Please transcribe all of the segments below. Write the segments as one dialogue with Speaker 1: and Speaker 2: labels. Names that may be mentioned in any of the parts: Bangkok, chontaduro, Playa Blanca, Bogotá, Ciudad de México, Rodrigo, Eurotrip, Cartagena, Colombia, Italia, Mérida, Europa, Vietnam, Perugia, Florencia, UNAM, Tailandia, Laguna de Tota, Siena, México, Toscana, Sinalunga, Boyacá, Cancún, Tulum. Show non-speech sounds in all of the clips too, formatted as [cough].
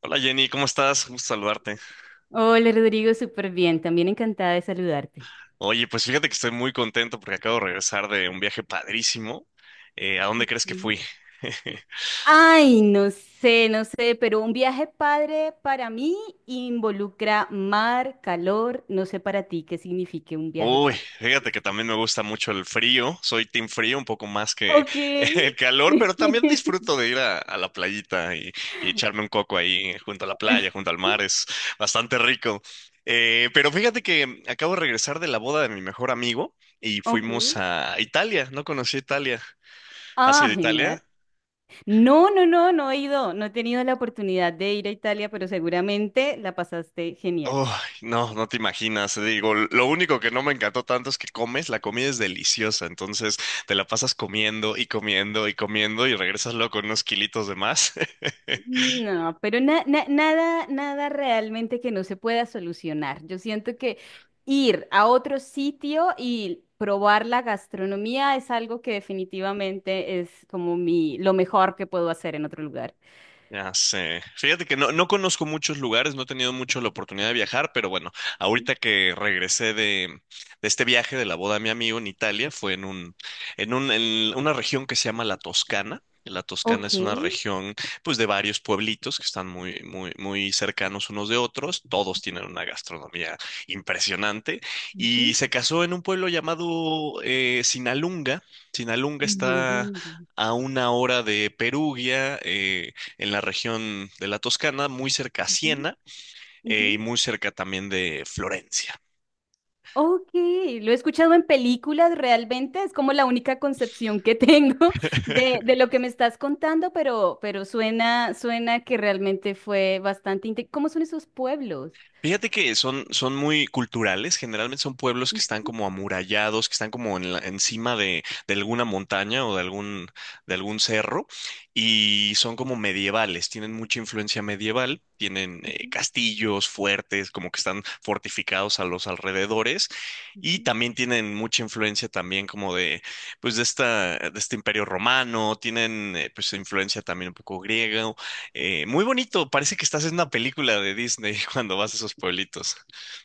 Speaker 1: Hola Jenny, ¿cómo estás? Gusto saludarte.
Speaker 2: Hola Rodrigo, súper bien. También encantada de saludarte.
Speaker 1: Oye, pues fíjate que estoy muy contento porque acabo de regresar de un viaje padrísimo. ¿a dónde crees que
Speaker 2: Ujú.
Speaker 1: fui? [laughs]
Speaker 2: Ay, no sé, pero un viaje padre para mí involucra mar, calor. No sé para ti qué signifique un viaje
Speaker 1: Uy,
Speaker 2: padre.
Speaker 1: fíjate que también me gusta mucho el frío. Soy team frío un poco más que
Speaker 2: Ok.
Speaker 1: [laughs] el calor, pero también
Speaker 2: [laughs]
Speaker 1: disfruto de ir a la playita y echarme un coco ahí junto a la playa, junto al mar. Es bastante rico. Pero fíjate que acabo de regresar de la boda de mi mejor amigo y
Speaker 2: Ok.
Speaker 1: fuimos a Italia. No conocí Italia. ¿Has ido
Speaker 2: Ah,
Speaker 1: a Italia?
Speaker 2: genial. No, no he ido. No he tenido la oportunidad de ir a Italia, pero seguramente la pasaste genial.
Speaker 1: Uy, no te imaginas. Digo, lo único que no me encantó tanto es que comes, la comida es deliciosa, entonces te la pasas comiendo y comiendo y comiendo y regresas luego con unos kilitos de más. [laughs]
Speaker 2: No, pero nada realmente que no se pueda solucionar. Yo siento que ir a otro sitio y probar la gastronomía es algo que definitivamente es como mi, lo mejor que puedo hacer en otro lugar.
Speaker 1: Ya sé. Fíjate que no conozco muchos lugares, no he tenido mucho la oportunidad de viajar, pero bueno, ahorita que de este viaje de la boda de mi amigo en Italia, fue en en una región que se llama la Toscana. La Toscana
Speaker 2: Ok.
Speaker 1: es una región, pues, de varios pueblitos que están muy, muy, muy cercanos unos de otros. Todos tienen una gastronomía impresionante. Y
Speaker 2: Ujú.
Speaker 1: se casó en un pueblo llamado Sinalunga. Sinalunga
Speaker 2: En el mundo.
Speaker 1: está a una hora de Perugia, en la región de la Toscana, muy cerca a
Speaker 2: Ujú.
Speaker 1: Siena
Speaker 2: Ujú.
Speaker 1: y muy cerca también de Florencia.
Speaker 2: Ok, lo he escuchado en películas realmente, es como la única concepción que tengo [laughs] de,
Speaker 1: [laughs]
Speaker 2: de lo que me estás contando, pero suena, suena que realmente fue bastante ¿cómo son esos pueblos?
Speaker 1: Fíjate que son muy culturales, generalmente son pueblos que están
Speaker 2: Ujú,
Speaker 1: como amurallados, que están como encima de alguna montaña o de de algún cerro, y son como medievales, tienen mucha influencia medieval, tienen
Speaker 2: ujú,
Speaker 1: castillos fuertes, como que están fortificados a los alrededores, y
Speaker 2: ujú.
Speaker 1: también tienen mucha influencia también pues de esta, de este imperio romano, tienen pues influencia también un poco griega, muy bonito, parece que estás en una película de Disney [laughs] cuando vas a esos pueblitos.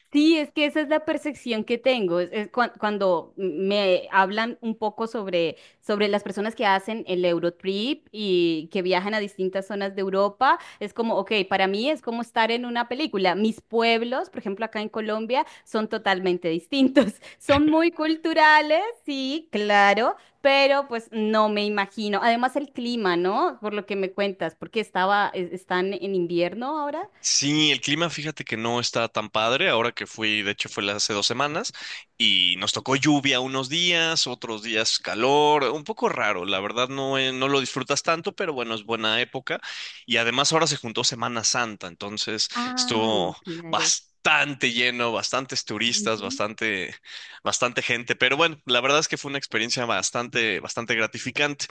Speaker 2: Sí, es que esa es la percepción que tengo. Es cuando me hablan un poco sobre, sobre las personas que hacen el Eurotrip y que viajan a distintas zonas de Europa, es como, ok, para mí es como estar en una película. Mis pueblos, por ejemplo, acá en Colombia, son totalmente distintos. [laughs] Son muy culturales, sí, claro, pero pues no me imagino. Además, el clima, ¿no? Por lo que me cuentas, porque estaba, están en invierno ahora.
Speaker 1: Sí, el clima, fíjate que no está tan padre. Ahora que fui, de hecho, hace 2 semanas y nos tocó lluvia unos días, otros días calor, un poco raro. La verdad, no, no lo disfrutas tanto, pero bueno, es buena época. Y además, ahora se juntó Semana Santa, entonces
Speaker 2: Ah,
Speaker 1: estuvo
Speaker 2: claro.
Speaker 1: bastante lleno, bastantes turistas, bastante, bastante gente. Pero bueno, la verdad es que fue una experiencia bastante, bastante gratificante.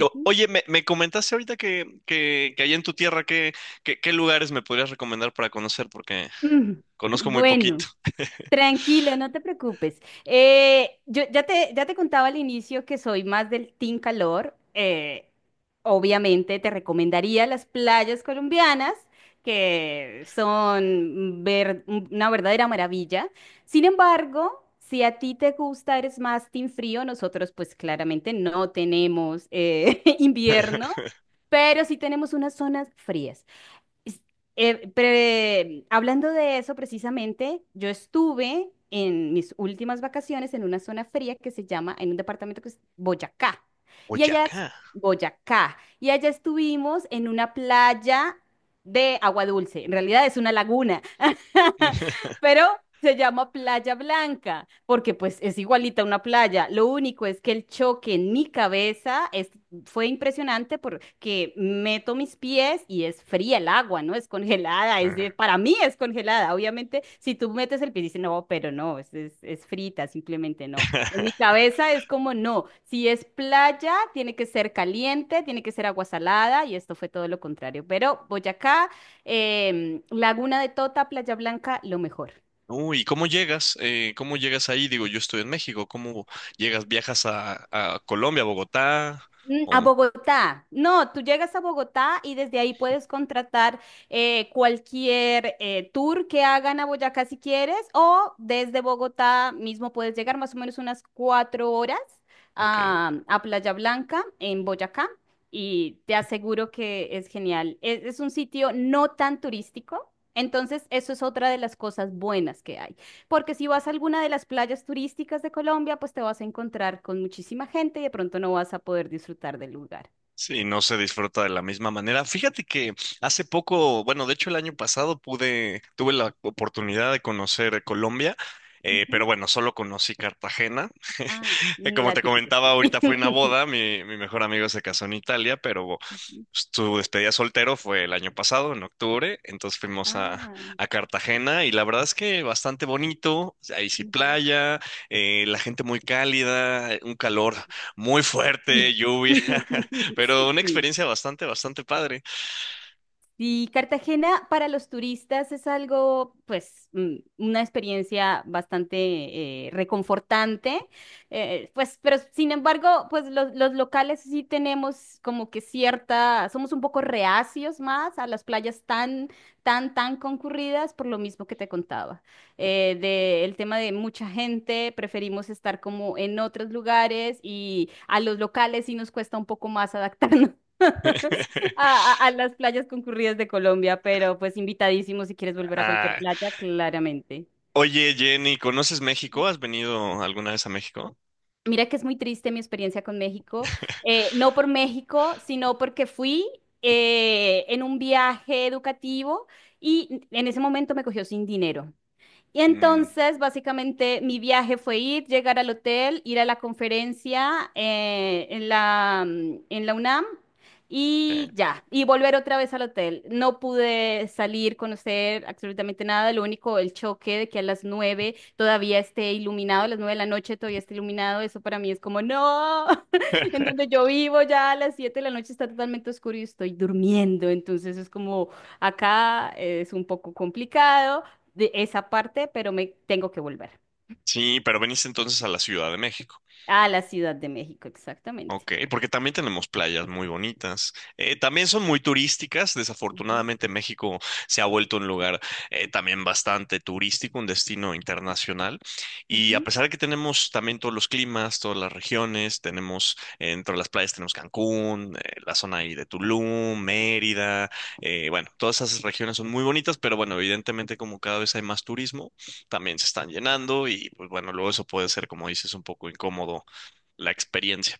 Speaker 1: O- Oye, me, me comentaste ahorita que allá en tu tierra, ¿ qué lugares me podrías recomendar para conocer? Porque
Speaker 2: Mm,
Speaker 1: conozco muy poquito.
Speaker 2: Bueno, tranquilo, no te preocupes. Yo ya te contaba al inicio que soy más del team calor. Obviamente te recomendaría las playas colombianas, que son una verdadera maravilla. Sin embargo, si a ti te gusta, eres más team frío, nosotros pues claramente no tenemos [laughs] invierno. Pero sí tenemos unas zonas frías. Es- Hablando de eso precisamente, yo estuve en mis últimas vacaciones en una zona fría que se llama, en un departamento que es Boyacá. Y allá, es-
Speaker 1: Boyacá.
Speaker 2: Boyacá. Y allá estuvimos en una playa de agua dulce. En realidad es una laguna, [laughs]
Speaker 1: [laughs]
Speaker 2: pero se llama Playa Blanca, porque pues es igualita a una playa. Lo único es que el choque en mi cabeza fue impresionante porque meto mis pies y es fría el agua, ¿no? Es congelada, para mí es congelada. Obviamente, si tú metes el pie, dices, no, pero no, es frita, simplemente no. En mi cabeza es como, no, si es playa, tiene que ser caliente, tiene que ser agua salada, y esto fue todo lo contrario. Pero Boyacá, Laguna de Tota, Playa Blanca, lo mejor.
Speaker 1: Uy, ¿y cómo llegas? ¿cómo llegas ahí? Digo, yo estoy en México. ¿Cómo llegas? ¿Viajas a Colombia, Bogotá?
Speaker 2: A
Speaker 1: ¿O-
Speaker 2: Bogotá. No, tú llegas a Bogotá y desde ahí puedes contratar cualquier tour que hagan a Boyacá si quieres, o desde Bogotá mismo puedes llegar más o menos unas cuatro horas
Speaker 1: ok.
Speaker 2: a Playa Blanca en Boyacá y te aseguro que es genial. Es un sitio no tan turístico, entonces eso es otra de las cosas buenas que hay. Porque si vas a alguna de las playas turísticas de Colombia, pues te vas a encontrar con muchísima gente y de pronto no vas a poder disfrutar del lugar.
Speaker 1: Sí, no se disfruta de la misma manera. Fíjate que hace poco, bueno, de hecho el año pasado pude, tuve la oportunidad de conocer Colombia, pero
Speaker 2: Ujú.
Speaker 1: bueno, solo conocí Cartagena.
Speaker 2: Ah,
Speaker 1: [laughs]
Speaker 2: mm,
Speaker 1: Como
Speaker 2: la
Speaker 1: te
Speaker 2: típica,
Speaker 1: comentaba,
Speaker 2: sí.
Speaker 1: ahorita fui a una
Speaker 2: [laughs]
Speaker 1: boda, mi mejor amigo se casó en Italia, pero
Speaker 2: Ujú.
Speaker 1: tu despedida soltero fue el año pasado, en octubre, entonces fuimos
Speaker 2: Ah,
Speaker 1: a Cartagena y la verdad es que bastante bonito, ahí sí
Speaker 2: ujú,
Speaker 1: playa, la gente muy cálida, un calor muy
Speaker 2: sí.
Speaker 1: fuerte, lluvia, [laughs]
Speaker 2: [laughs]
Speaker 1: pero una
Speaker 2: Sí,
Speaker 1: experiencia bastante, bastante padre.
Speaker 2: y Cartagena para los turistas es algo, pues, mm, una experiencia bastante reconfortante, pues, pero sin embargo, pues los locales sí tenemos como que cierta, somos un poco reacios más a las playas tan concurridas por lo mismo que te contaba, de el tema de mucha gente, preferimos estar como en otros lugares y a los locales sí nos cuesta un poco más adaptarnos [laughs]
Speaker 1: [laughs]
Speaker 2: a las playas concurridas de Colombia, pero pues invitadísimo si quieres volver a cualquier
Speaker 1: Ah,
Speaker 2: playa, claramente.
Speaker 1: oye, Jenny, ¿conoces México? ¿Has venido alguna vez a México?
Speaker 2: Mira que es muy triste mi experiencia con México, no por México, sino porque fui en un viaje educativo y en ese momento me cogió sin dinero. Y
Speaker 1: Mm,
Speaker 2: entonces, básicamente, mi viaje fue ir, llegar al hotel, ir a la conferencia en en la UNAM y
Speaker 1: ok.
Speaker 2: ya, y volver otra vez al hotel. No pude salir, conocer absolutamente nada, lo único, el choque de que a las nueve todavía esté iluminado, a las nueve de la noche todavía esté iluminado, eso para mí es como, no, [laughs] en donde
Speaker 1: [laughs]
Speaker 2: yo vivo ya a las siete de la noche está totalmente oscuro y estoy durmiendo, entonces es como, acá es un poco complicado de esa parte, pero me tengo que volver
Speaker 1: Sí, pero veniste entonces a la Ciudad de México.
Speaker 2: a la Ciudad de México, exactamente.
Speaker 1: Ok, porque también tenemos playas muy bonitas. También son muy turísticas.
Speaker 2: Ujú,
Speaker 1: Desafortunadamente, México se ha vuelto un lugar también bastante turístico, un destino internacional. Y a
Speaker 2: ujú.
Speaker 1: pesar de que tenemos también todos los climas, todas las regiones, tenemos dentro de las playas tenemos Cancún, la zona ahí de Tulum, Mérida. Bueno, todas esas regiones son muy bonitas, pero bueno, evidentemente como cada vez hay más turismo, también se están llenando y pues bueno, luego eso puede ser, como dices, un poco incómodo la experiencia.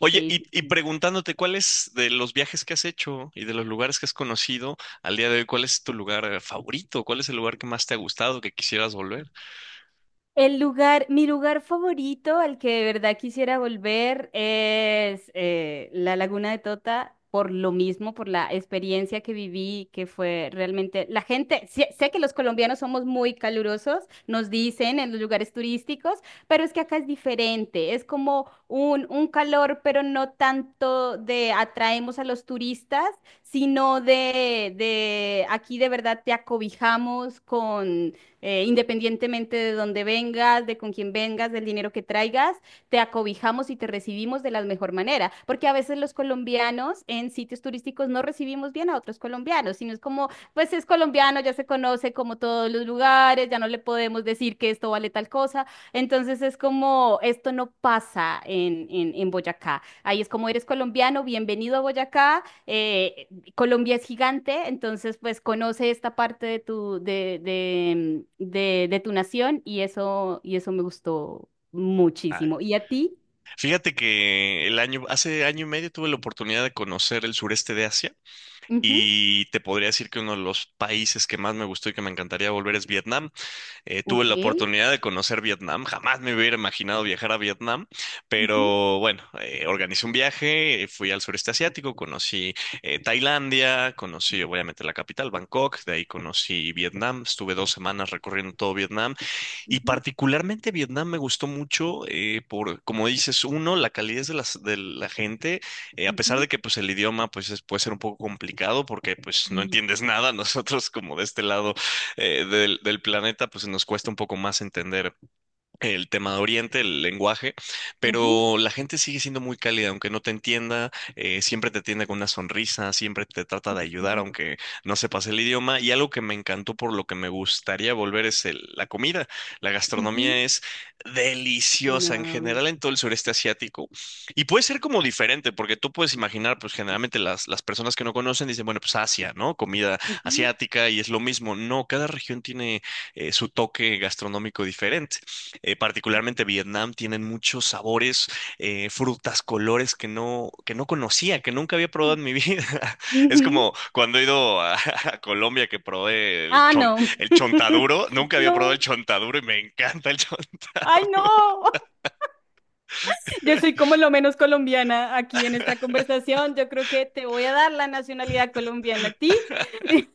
Speaker 1: Oye,
Speaker 2: Sí, sí,
Speaker 1: y
Speaker 2: sí.
Speaker 1: preguntándote, cuáles de los viajes que has hecho y de los lugares que has conocido al día de hoy, ¿cuál es tu lugar favorito? ¿Cuál es el lugar que más te ha gustado, que quisieras volver?
Speaker 2: El lugar, mi lugar favorito al que de verdad quisiera volver es la Laguna de Tota, por lo mismo, por la experiencia que viví, que fue realmente, la gente, sé que los colombianos somos muy calurosos, nos dicen en los lugares turísticos, pero es que acá es diferente, es como un calor, pero no tanto de atraemos a los turistas, sino de aquí de verdad te acobijamos independientemente de dónde vengas, de con quién vengas, del dinero que traigas, te acobijamos y te recibimos de la mejor manera, porque a veces los colombianos en sitios turísticos no recibimos bien a otros colombianos, sino es como, pues es colombiano, ya se conoce como todos los lugares, ya no le podemos decir que esto vale tal cosa, entonces es como, esto no pasa en, en Boyacá, ahí es como eres colombiano, bienvenido a Boyacá, Colombia es gigante, entonces pues conoce esta parte de tu, de, mm, de tu nación y eso me gustó
Speaker 1: Ay,
Speaker 2: muchísimo. ¿Y a ti?
Speaker 1: fíjate que el año, hace año y medio tuve la oportunidad de conocer el sureste de Asia
Speaker 2: Ujú.
Speaker 1: y te podría decir que uno de los países que más me gustó y que me encantaría volver es Vietnam. Tuve
Speaker 2: Ok.
Speaker 1: la oportunidad de conocer Vietnam, jamás me hubiera imaginado viajar a Vietnam,
Speaker 2: Ujú,
Speaker 1: pero bueno, organicé un viaje, fui al sureste asiático, conocí Tailandia, conocí obviamente la capital, Bangkok, de ahí conocí Vietnam, estuve 2 semanas recorriendo todo Vietnam y
Speaker 2: ujú,
Speaker 1: particularmente Vietnam me gustó mucho por, como dices, uno, la calidez de la gente, a pesar
Speaker 2: ujú.
Speaker 1: de que pues el idioma puede ser un poco complicado porque pues no
Speaker 2: Sí.
Speaker 1: entiendes nada, [laughs] nosotros como de este lado del planeta pues nos cuesta un poco más entender el tema de Oriente, el lenguaje,
Speaker 2: Ujú,
Speaker 1: pero la gente sigue siendo muy cálida, aunque no te entienda, siempre te atiende con una sonrisa, siempre te trata de ayudar,
Speaker 2: sí,
Speaker 1: aunque no sepas el idioma. Y algo que me encantó, por lo que me gustaría volver, es la comida. La gastronomía
Speaker 2: ujú.
Speaker 1: es deliciosa en
Speaker 2: No.
Speaker 1: general en todo el sureste asiático. Y puede ser como diferente, porque tú puedes imaginar, pues generalmente las personas que no conocen dicen, bueno, pues Asia, ¿no? Comida
Speaker 2: Ujú,
Speaker 1: asiática y es lo mismo. No, cada región tiene su toque gastronómico diferente. Eh, particularmente Vietnam, tienen muchos sabores, frutas, colores que que no conocía, que nunca había probado en mi vida. [laughs] Es
Speaker 2: ujú.
Speaker 1: como cuando he ido a Colombia, que probé
Speaker 2: Ah, no.
Speaker 1: el
Speaker 2: [laughs]
Speaker 1: chontaduro, nunca había probado el
Speaker 2: No.
Speaker 1: chontaduro y me encanta el [laughs]
Speaker 2: Ay, no.
Speaker 1: chontaduro.
Speaker 2: Yo soy como lo menos colombiana aquí en esta conversación. Yo creo que te voy a dar la nacionalidad colombiana a ti [laughs]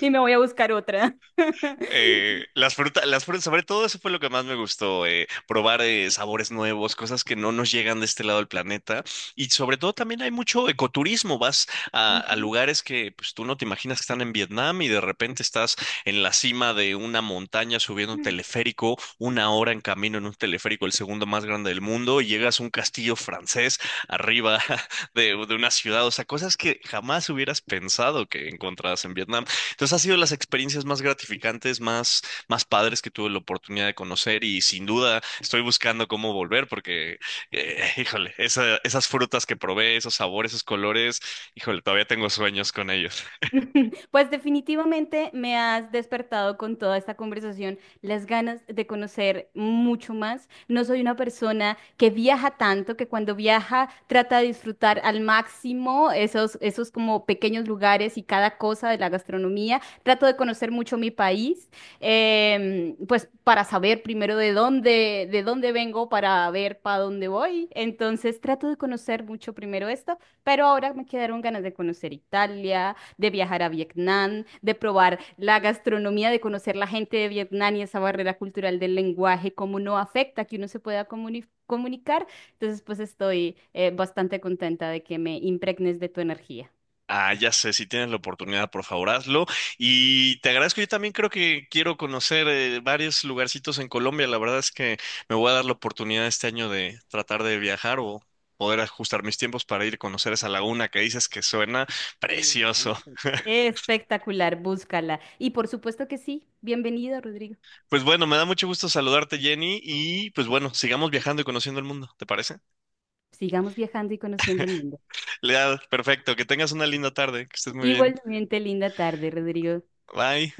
Speaker 2: y me voy a buscar otra. [laughs]
Speaker 1: Las frutas, las frutas, sobre todo eso fue lo que más me gustó, probar sabores nuevos, cosas que no nos llegan de este lado del planeta. Y sobre todo también hay mucho ecoturismo, vas a
Speaker 2: Ujú.
Speaker 1: lugares que pues, tú no te imaginas que están en Vietnam y de repente estás en la cima de una montaña subiendo un teleférico, una hora en camino en un teleférico, el segundo más grande del mundo, y llegas a un castillo francés arriba [laughs] de una ciudad, o sea, cosas que jamás hubieras pensado que encontraras en Vietnam. Entonces, ha sido las experiencias más gratificantes, más, más padres que tuve la oportunidad de conocer y sin duda estoy buscando cómo volver porque, [laughs] híjole, esas frutas que probé, esos sabores, esos colores, híjole, todavía tengo sueños con ellos.
Speaker 2: [laughs] Pues definitivamente me has despertado con toda esta conversación las ganas de conocer mucho más. No soy una persona que viaja tanto, que cuando viaja trata de disfrutar al máximo esos, esos como pequeños lugares y cada cosa de la gastronomía. Trato de conocer mucho mi país, pues para saber primero de dónde vengo, para ver para dónde voy. Entonces trato de conocer mucho primero esto, pero ahora me quedaron ganas de conocer Italia de viajar a Vietnam, de probar la gastronomía, de conocer la gente de Vietnam y esa barrera cultural del lenguaje, cómo no afecta que uno se pueda comunicar. Entonces, pues estoy bastante contenta de que me impregnes de tu energía.
Speaker 1: Ah, ya sé, si tienes la oportunidad, por favor, hazlo. Y te agradezco, yo también creo que quiero conocer varios lugarcitos en Colombia. La verdad es que me voy a dar la oportunidad este año de tratar de viajar o poder ajustar mis tiempos para ir a conocer esa laguna que dices que suena precioso. [laughs]
Speaker 2: Espectacular, búscala. Y por supuesto que sí, bienvenido, Rodrigo.
Speaker 1: Pues bueno, me da mucho gusto saludarte, Jenny, y pues bueno, sigamos viajando y conociendo el mundo, ¿te parece?
Speaker 2: Sigamos viajando y conociendo el mundo.
Speaker 1: [laughs] Leal, perfecto, que tengas una linda tarde, que estés muy bien.
Speaker 2: Igualmente, linda tarde, Rodrigo.
Speaker 1: Bye.